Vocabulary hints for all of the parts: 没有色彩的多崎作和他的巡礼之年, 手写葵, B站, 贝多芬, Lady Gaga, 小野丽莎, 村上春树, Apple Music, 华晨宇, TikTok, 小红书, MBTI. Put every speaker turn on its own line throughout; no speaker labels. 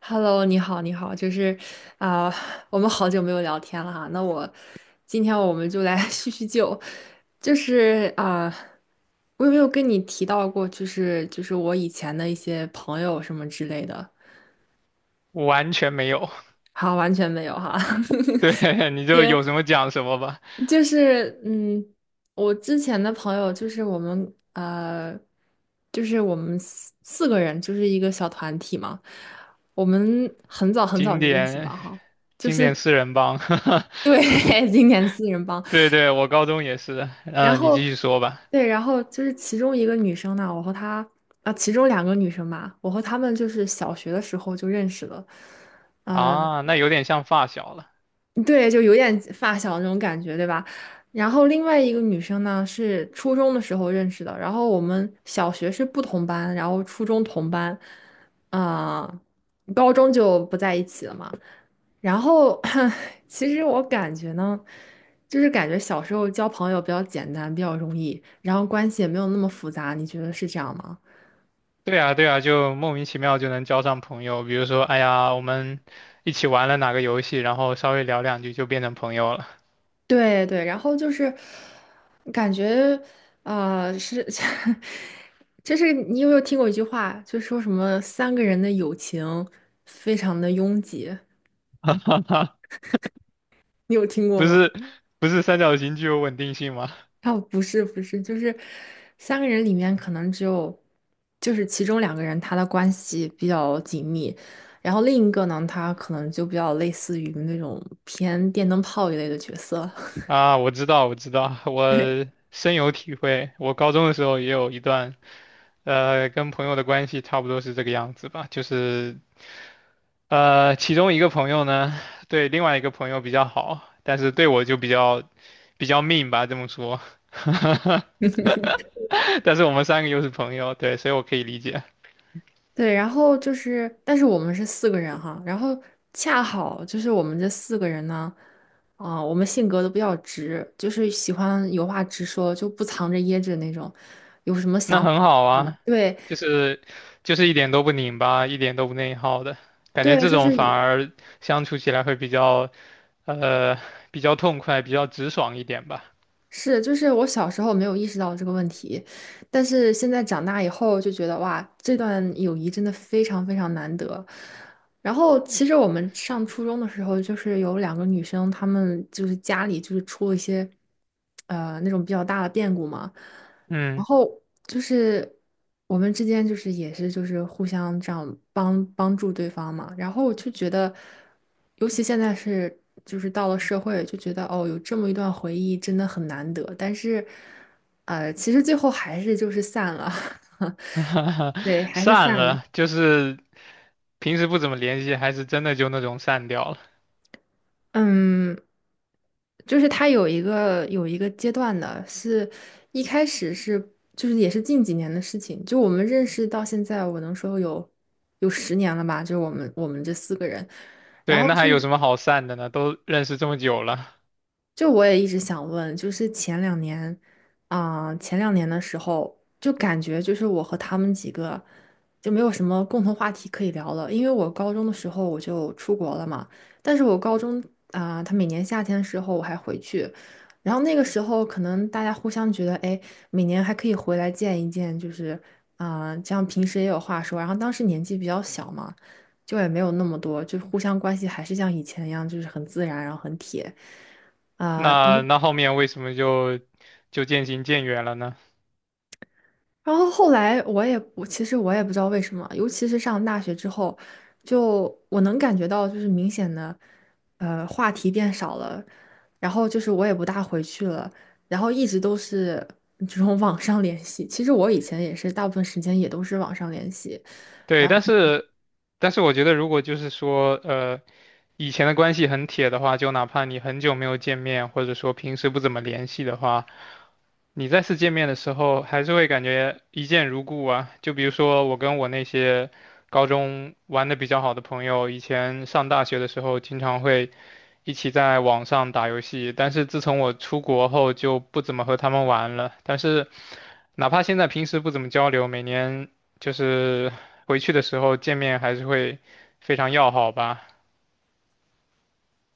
Hello，你好，你好，啊、我们好久没有聊天了哈。今天我们就来 叙叙旧，就是啊、我有没有跟你提到过，就是我以前的一些朋友什么之类的？
完全没有。
好，完全没有哈。
对，你 就
行，
有什么讲什么吧。
就是嗯，我之前的朋友就是我们就是我们四个人，就是一个小团体嘛。我们很早很早
经
就认识
典。
了哈，就
经典
是。
四人帮。
对，今年四人帮，
对对，我高中也是的。
然
你继
后
续说吧。
对，然后就是其中一个女生呢，我和她啊，其中两个女生吧，我和她们就是小学的时候就认识了，啊。
啊，那有点像发小了。
对，就有点发小那种感觉，对吧？然后另外一个女生呢，是初中的时候认识的，然后我们小学是不同班，然后初中同班，啊、高中就不在一起了嘛。然后 其实我感觉呢，就是感觉小时候交朋友比较简单，比较容易，然后关系也没有那么复杂，你觉得是这样吗？
对啊，对啊，就莫名其妙就能交上朋友。比如说，哎呀，我们一起玩了哪个游戏，然后稍微聊两句就变成朋友了。
对对，然后就是感觉是，就是你有没有听过一句话，就说什么三个人的友情非常的拥挤，你有听过
不
吗？
是。不是三角形具有稳定性吗？
啊，不是不是，就是三个人里面可能只有，就是其中两个人他的关系比较紧密，然后另一个呢，他可能就比较类似于那种偏电灯泡一类的角色。
啊，我知道，我知道，我深有体会。我高中的时候也有一段跟朋友的关系差不多是这个样子吧，就是其中一个朋友呢，对另外一个朋友比较好，但是对我就比较 mean 吧，这么说。但是我们三个又是朋友，对，所以我可以理解。
对，然后就是，但是我们是四个人哈，然后恰好就是我们这四个人呢，我们性格都比较直，就是喜欢有话直说，就不藏着掖着那种，有什么
那
想法，
很好
嗯，
啊，
对
就是就是一点都不拧巴，一点都不内耗的感觉，
对，
这
就是。
种反而相处起来会呃比较痛快，比较直爽一点吧。
是，就是我小时候没有意识到这个问题，但是现在长大以后就觉得哇，这段友谊真的非常非常难得。然后其实我们上初中的时候，就是有两个女生，她们就是家里就是出了一些那种比较大的变故嘛，然
嗯。
后就是我们之间就是也是就是互相这样帮助对方嘛，然后我就觉得，尤其现在是就是到了社会，就觉得哦，有这么一段回忆真的很难得，但是，其实最后还是就是散了，对，还是
散
散了。
了，就是平时不怎么联系，还是真的就那种散掉了。
嗯，就是他有一个阶段的，是一开始是就是也是近几年的事情，就我们认识到现在，我能说有10年了吧，就是我们这四个人，然
对，
后
那
是。
还有什么好散的呢？都认识这么久了，
就我也一直想问，就是前两年，前两年的时候，就感觉就是我和他们几个就没有什么共同话题可以聊了，因为我高中的时候我就出国了嘛，但是我高中啊、他每年夏天的时候我还回去，然后那个时候可能大家互相觉得，哎，每年还可以回来见一见，这样平时也有话说，然后当时年纪比较小嘛，就也没有那么多，就互相关系还是像以前一样，就是很自然，然后很铁。等
那
等
那后面为什么就渐行渐远了呢？
然后后来我其实不知道为什么，尤其是上大学之后，就我能感觉到就是明显的，话题变少了，然后就是我也不大回去了，然后一直都是这种 网上联系。其实我以前也是大部分时间也都是网上联系，
对，
然后
但是我觉得，如果就是说，呃，以前的关系很铁的话，就哪怕你很久没有见面，或者说平时不怎么联系的话，你再次见面的时候，还是会感觉一见如故啊。就比如说我跟我那些高中玩的比较好的朋友，以前上大学的时候经常会一起在网上打游戏，但是自从我出国后就不怎么和他们玩了。但是哪怕现在平时不怎么交流，每年就是。回去的时候见面还是会非常要好吧？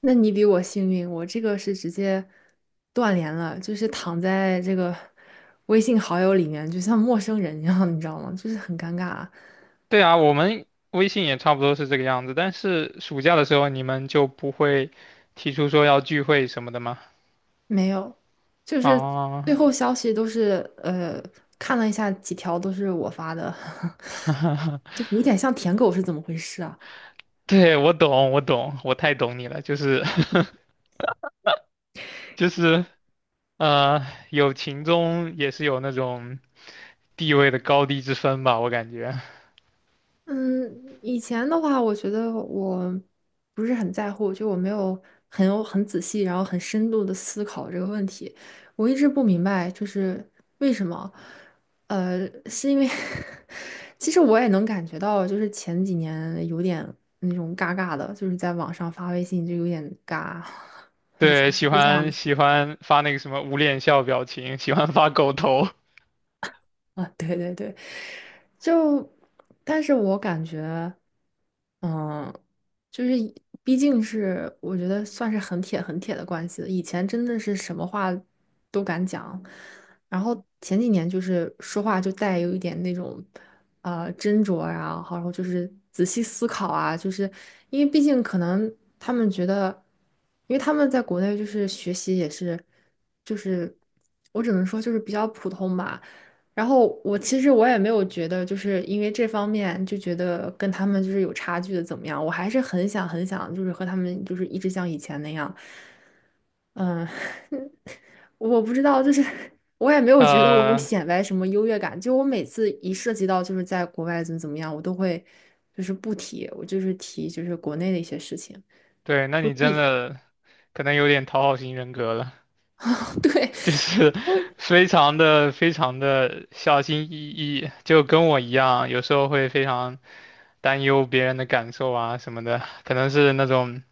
那你比我幸运，我这个是直接断联了，就是躺在这个 微信好友里面，就像陌生人一样，你知道吗？就是很尴尬。
对啊，我们微信也差不多是这个样子，但是暑假的时候你们就不会提出说要聚会什么的吗？
没有，就是最
啊，
后消息都是看了一下几条都是我发的，就有点像舔狗是怎么回事啊？
对，我懂，我懂，我太懂你了，就是 就是呃，友情中也是有那种地位的高低之分吧，我感觉。
嗯，以前的话，我觉得我不是很在乎，就我没有很仔细，然后很深度的思考这个问题。我一直不明白，就是为什么？是因为 其实我也能感觉到，就是前几年有点那种尬尬的，就是在网上发微信就有点尬，以前
对，
不
喜
是这样
欢
子
喜欢发那个什么捂脸笑表情，喜欢发狗头。
啊，对对对，就，但是我感觉。嗯，就是以毕竟是我觉得算是很铁很铁的关系了。以前真的是什么话都敢讲，然后前几年就是说话就带有一点那种斟酌啊，然后就是仔细思考啊，就是因为毕竟可能他们觉得，因为他们在国内就是学习也是，就是我只能说就是比较普通吧。然后我其实没有觉得，就是因为这方面就觉得跟他们就是有差距的怎么样，我还是很想很想，就是和他们就是一直像以前那样，嗯，我不知道，就是我也没有觉得我有
呃，
显摆什么优越感，就我每次一涉及到就是在国外怎么怎么样，我都会就是不提，我就是提就是国内的一些事情，
对，那
我
你真
避开，
的可能有点讨好型人格了，
对，
就是
我
非常的非常的小心翼翼，就跟我一样，有时候会非常担忧别人的感受啊什么的，可能是那种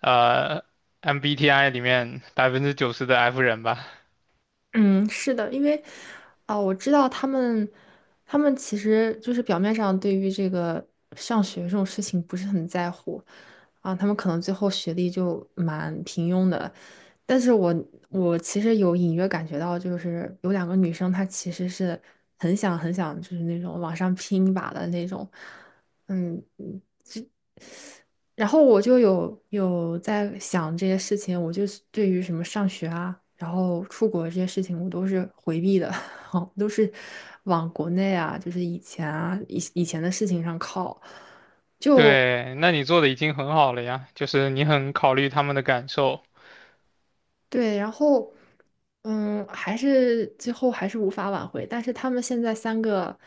呃 MBTI 里面90%的 F 人吧。
嗯，是的，因为，我知道他们，他们其实就是表面上对于这个上学这种事情不是很在乎，他们可能最后学历就蛮平庸的，但是我其实有隐约感觉到，就是有两个女生，她其实是很想很想，就是那种往上拼一把的那种，嗯，嗯然后我就有在想这些事情，我就是对于什么上学啊，然后出国这些事情，我都是回避的，我都是往国内啊，就是以前啊，以前的事情上靠。就
对，那你做的已经很好了呀，就是你很考虑他们的感受
对，然后嗯，还是最后还是无法挽回。但是他们现在三个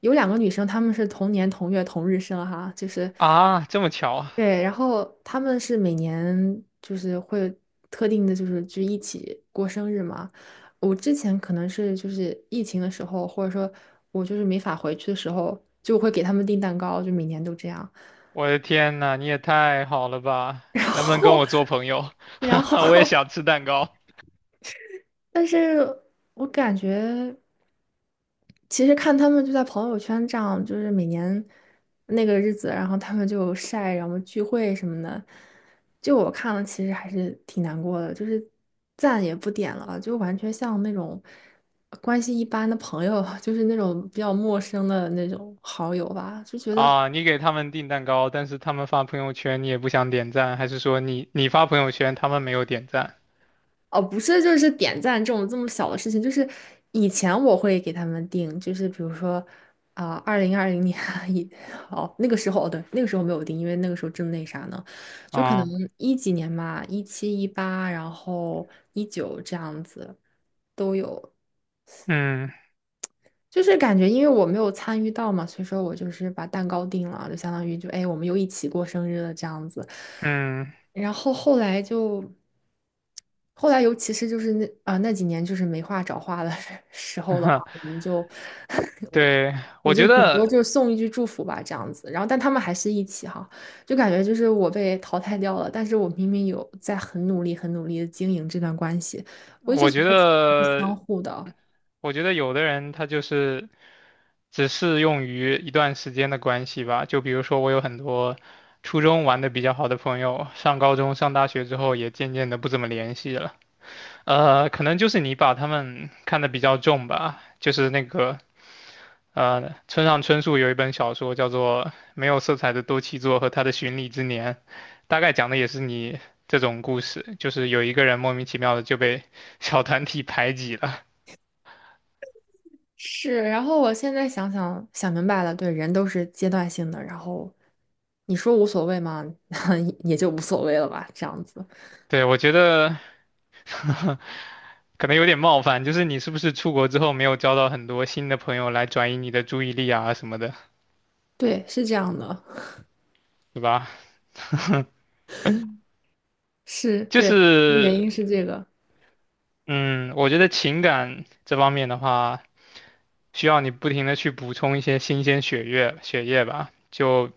有两个女生，她们是同年同月同日生哈，就是。
啊。这么巧啊，
对，然后他们是每年就是会特定的，就是就一起过生日嘛。我之前可能是就是疫情的时候，或者说我就是没法回去的时候，就会给他们订蛋糕，就每年都这样。
我的天呐，你也太好了吧！
然
能不能跟
后，
我做朋友？
然
我也
后，
想吃蛋糕。
但是我感觉。其实看他们就在朋友圈这样，就是每年那个日子，然后他们就晒，然后聚会什么的，就我看了，其实还是挺难过的，就是赞也不点了，就完全像那种关系一般的朋友，就是那种比较陌生的那种好友吧，就觉得
啊，你给他们订蛋糕，但是他们发朋友圈，你也不想点赞，还是说你发朋友圈，他们没有点赞？
哦，不是，就是点赞这种这么小的事情，就是以前我会给他们定，就是比如说啊，2020年 一，哦，那个时候，哦，对，那个时候没有定，因为那个时候正那啥呢，就可能
啊，
一几年吧，17、18，然后19这样子都有，
嗯
就是感觉因为我没有参与到嘛，所以说我就是把蛋糕定了，就相当于就哎，我们又一起过生日了这样子。
嗯，
然后后来就，后来尤其是就是那几年就是没话找话的 时候的话，我们就
对，
我
我觉
就顶多
得，
就是送一句祝福吧这样子。然后但他们还是一起哈，就感觉就是我被淘汰掉了，但是我明明有在很努力、很努力的经营这段关系，我一直
我
觉
觉
得是相
得，
互的。
我觉得有的人他就是只适用于一段时间的关系吧。就比如说，我有很多初中玩的比较好的朋友，上高中、上大学之后也渐渐的不怎么联系了。可能就是你把他们看得比较重吧，就是那个。村上春树有一本小说叫做《没有色彩的多崎作和他的巡礼之年》，大概讲的也是你这种故事，就是有一个人莫名其妙的就被小团体排挤了。
是，然后我现在想明白了，对，人都是阶段性的，然后你说无所谓吗？也就无所谓了吧，这样子。
对，我觉得 可能有点冒犯，就是你是不是出国之后没有交到很多新的朋友来转移你的注意力啊什么的，
对，是这样的，
对吧？
是
就
对，原
是
因是这个。
嗯，我觉得情感这方面的话，需要你不停的去补充一些新鲜血液吧。就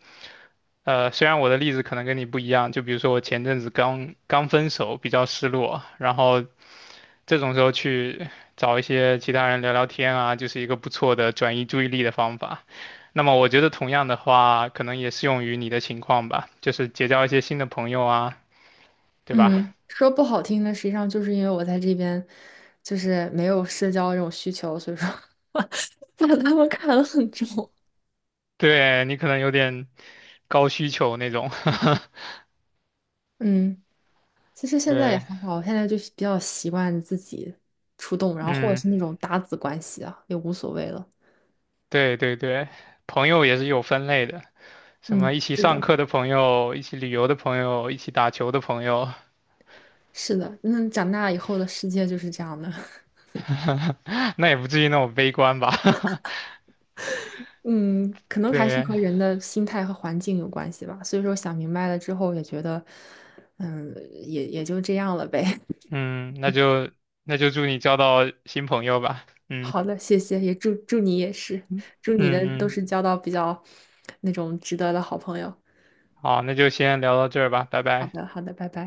虽然我的例子可能跟你不一样，就比如说我前阵子刚刚分手，比较失落，然后这种时候去找一些其他人聊聊天啊，就是一个不错的转移注意力的方法。那么我觉得同样的话，可能也适用于你的情况吧，就是结交一些新的朋友啊，对吧？
嗯，说不好听的，实际上就是因为我在这边就是没有社交这种需求，所以说 把他们看得很重。
对，你可能有点高需求那种。
嗯，其实现在也
对，
还好，现在就是比较习惯自己出动，然后或者
嗯，
是那种搭子关系啊，也无所谓了。
对对对，朋友也是有分类的，什
嗯，
么一起
是
上
的，
课的朋友，一起旅游的朋友，一起打球的朋友。
是的，那长大以后的世界就是这样的。
那也不至于那么悲观吧？
嗯，可 能还是
对，
和人的心态和环境有关系吧。所以说想明白了之后，也觉得，嗯，也就这样了呗。
嗯，那就祝你交到新朋友吧。嗯
好的，谢谢，也祝你也是，
嗯
祝你的都
嗯，
是交到比较那种值得的好朋友。
好，那就先聊到这儿吧，拜
好
拜。
的，好的，拜拜。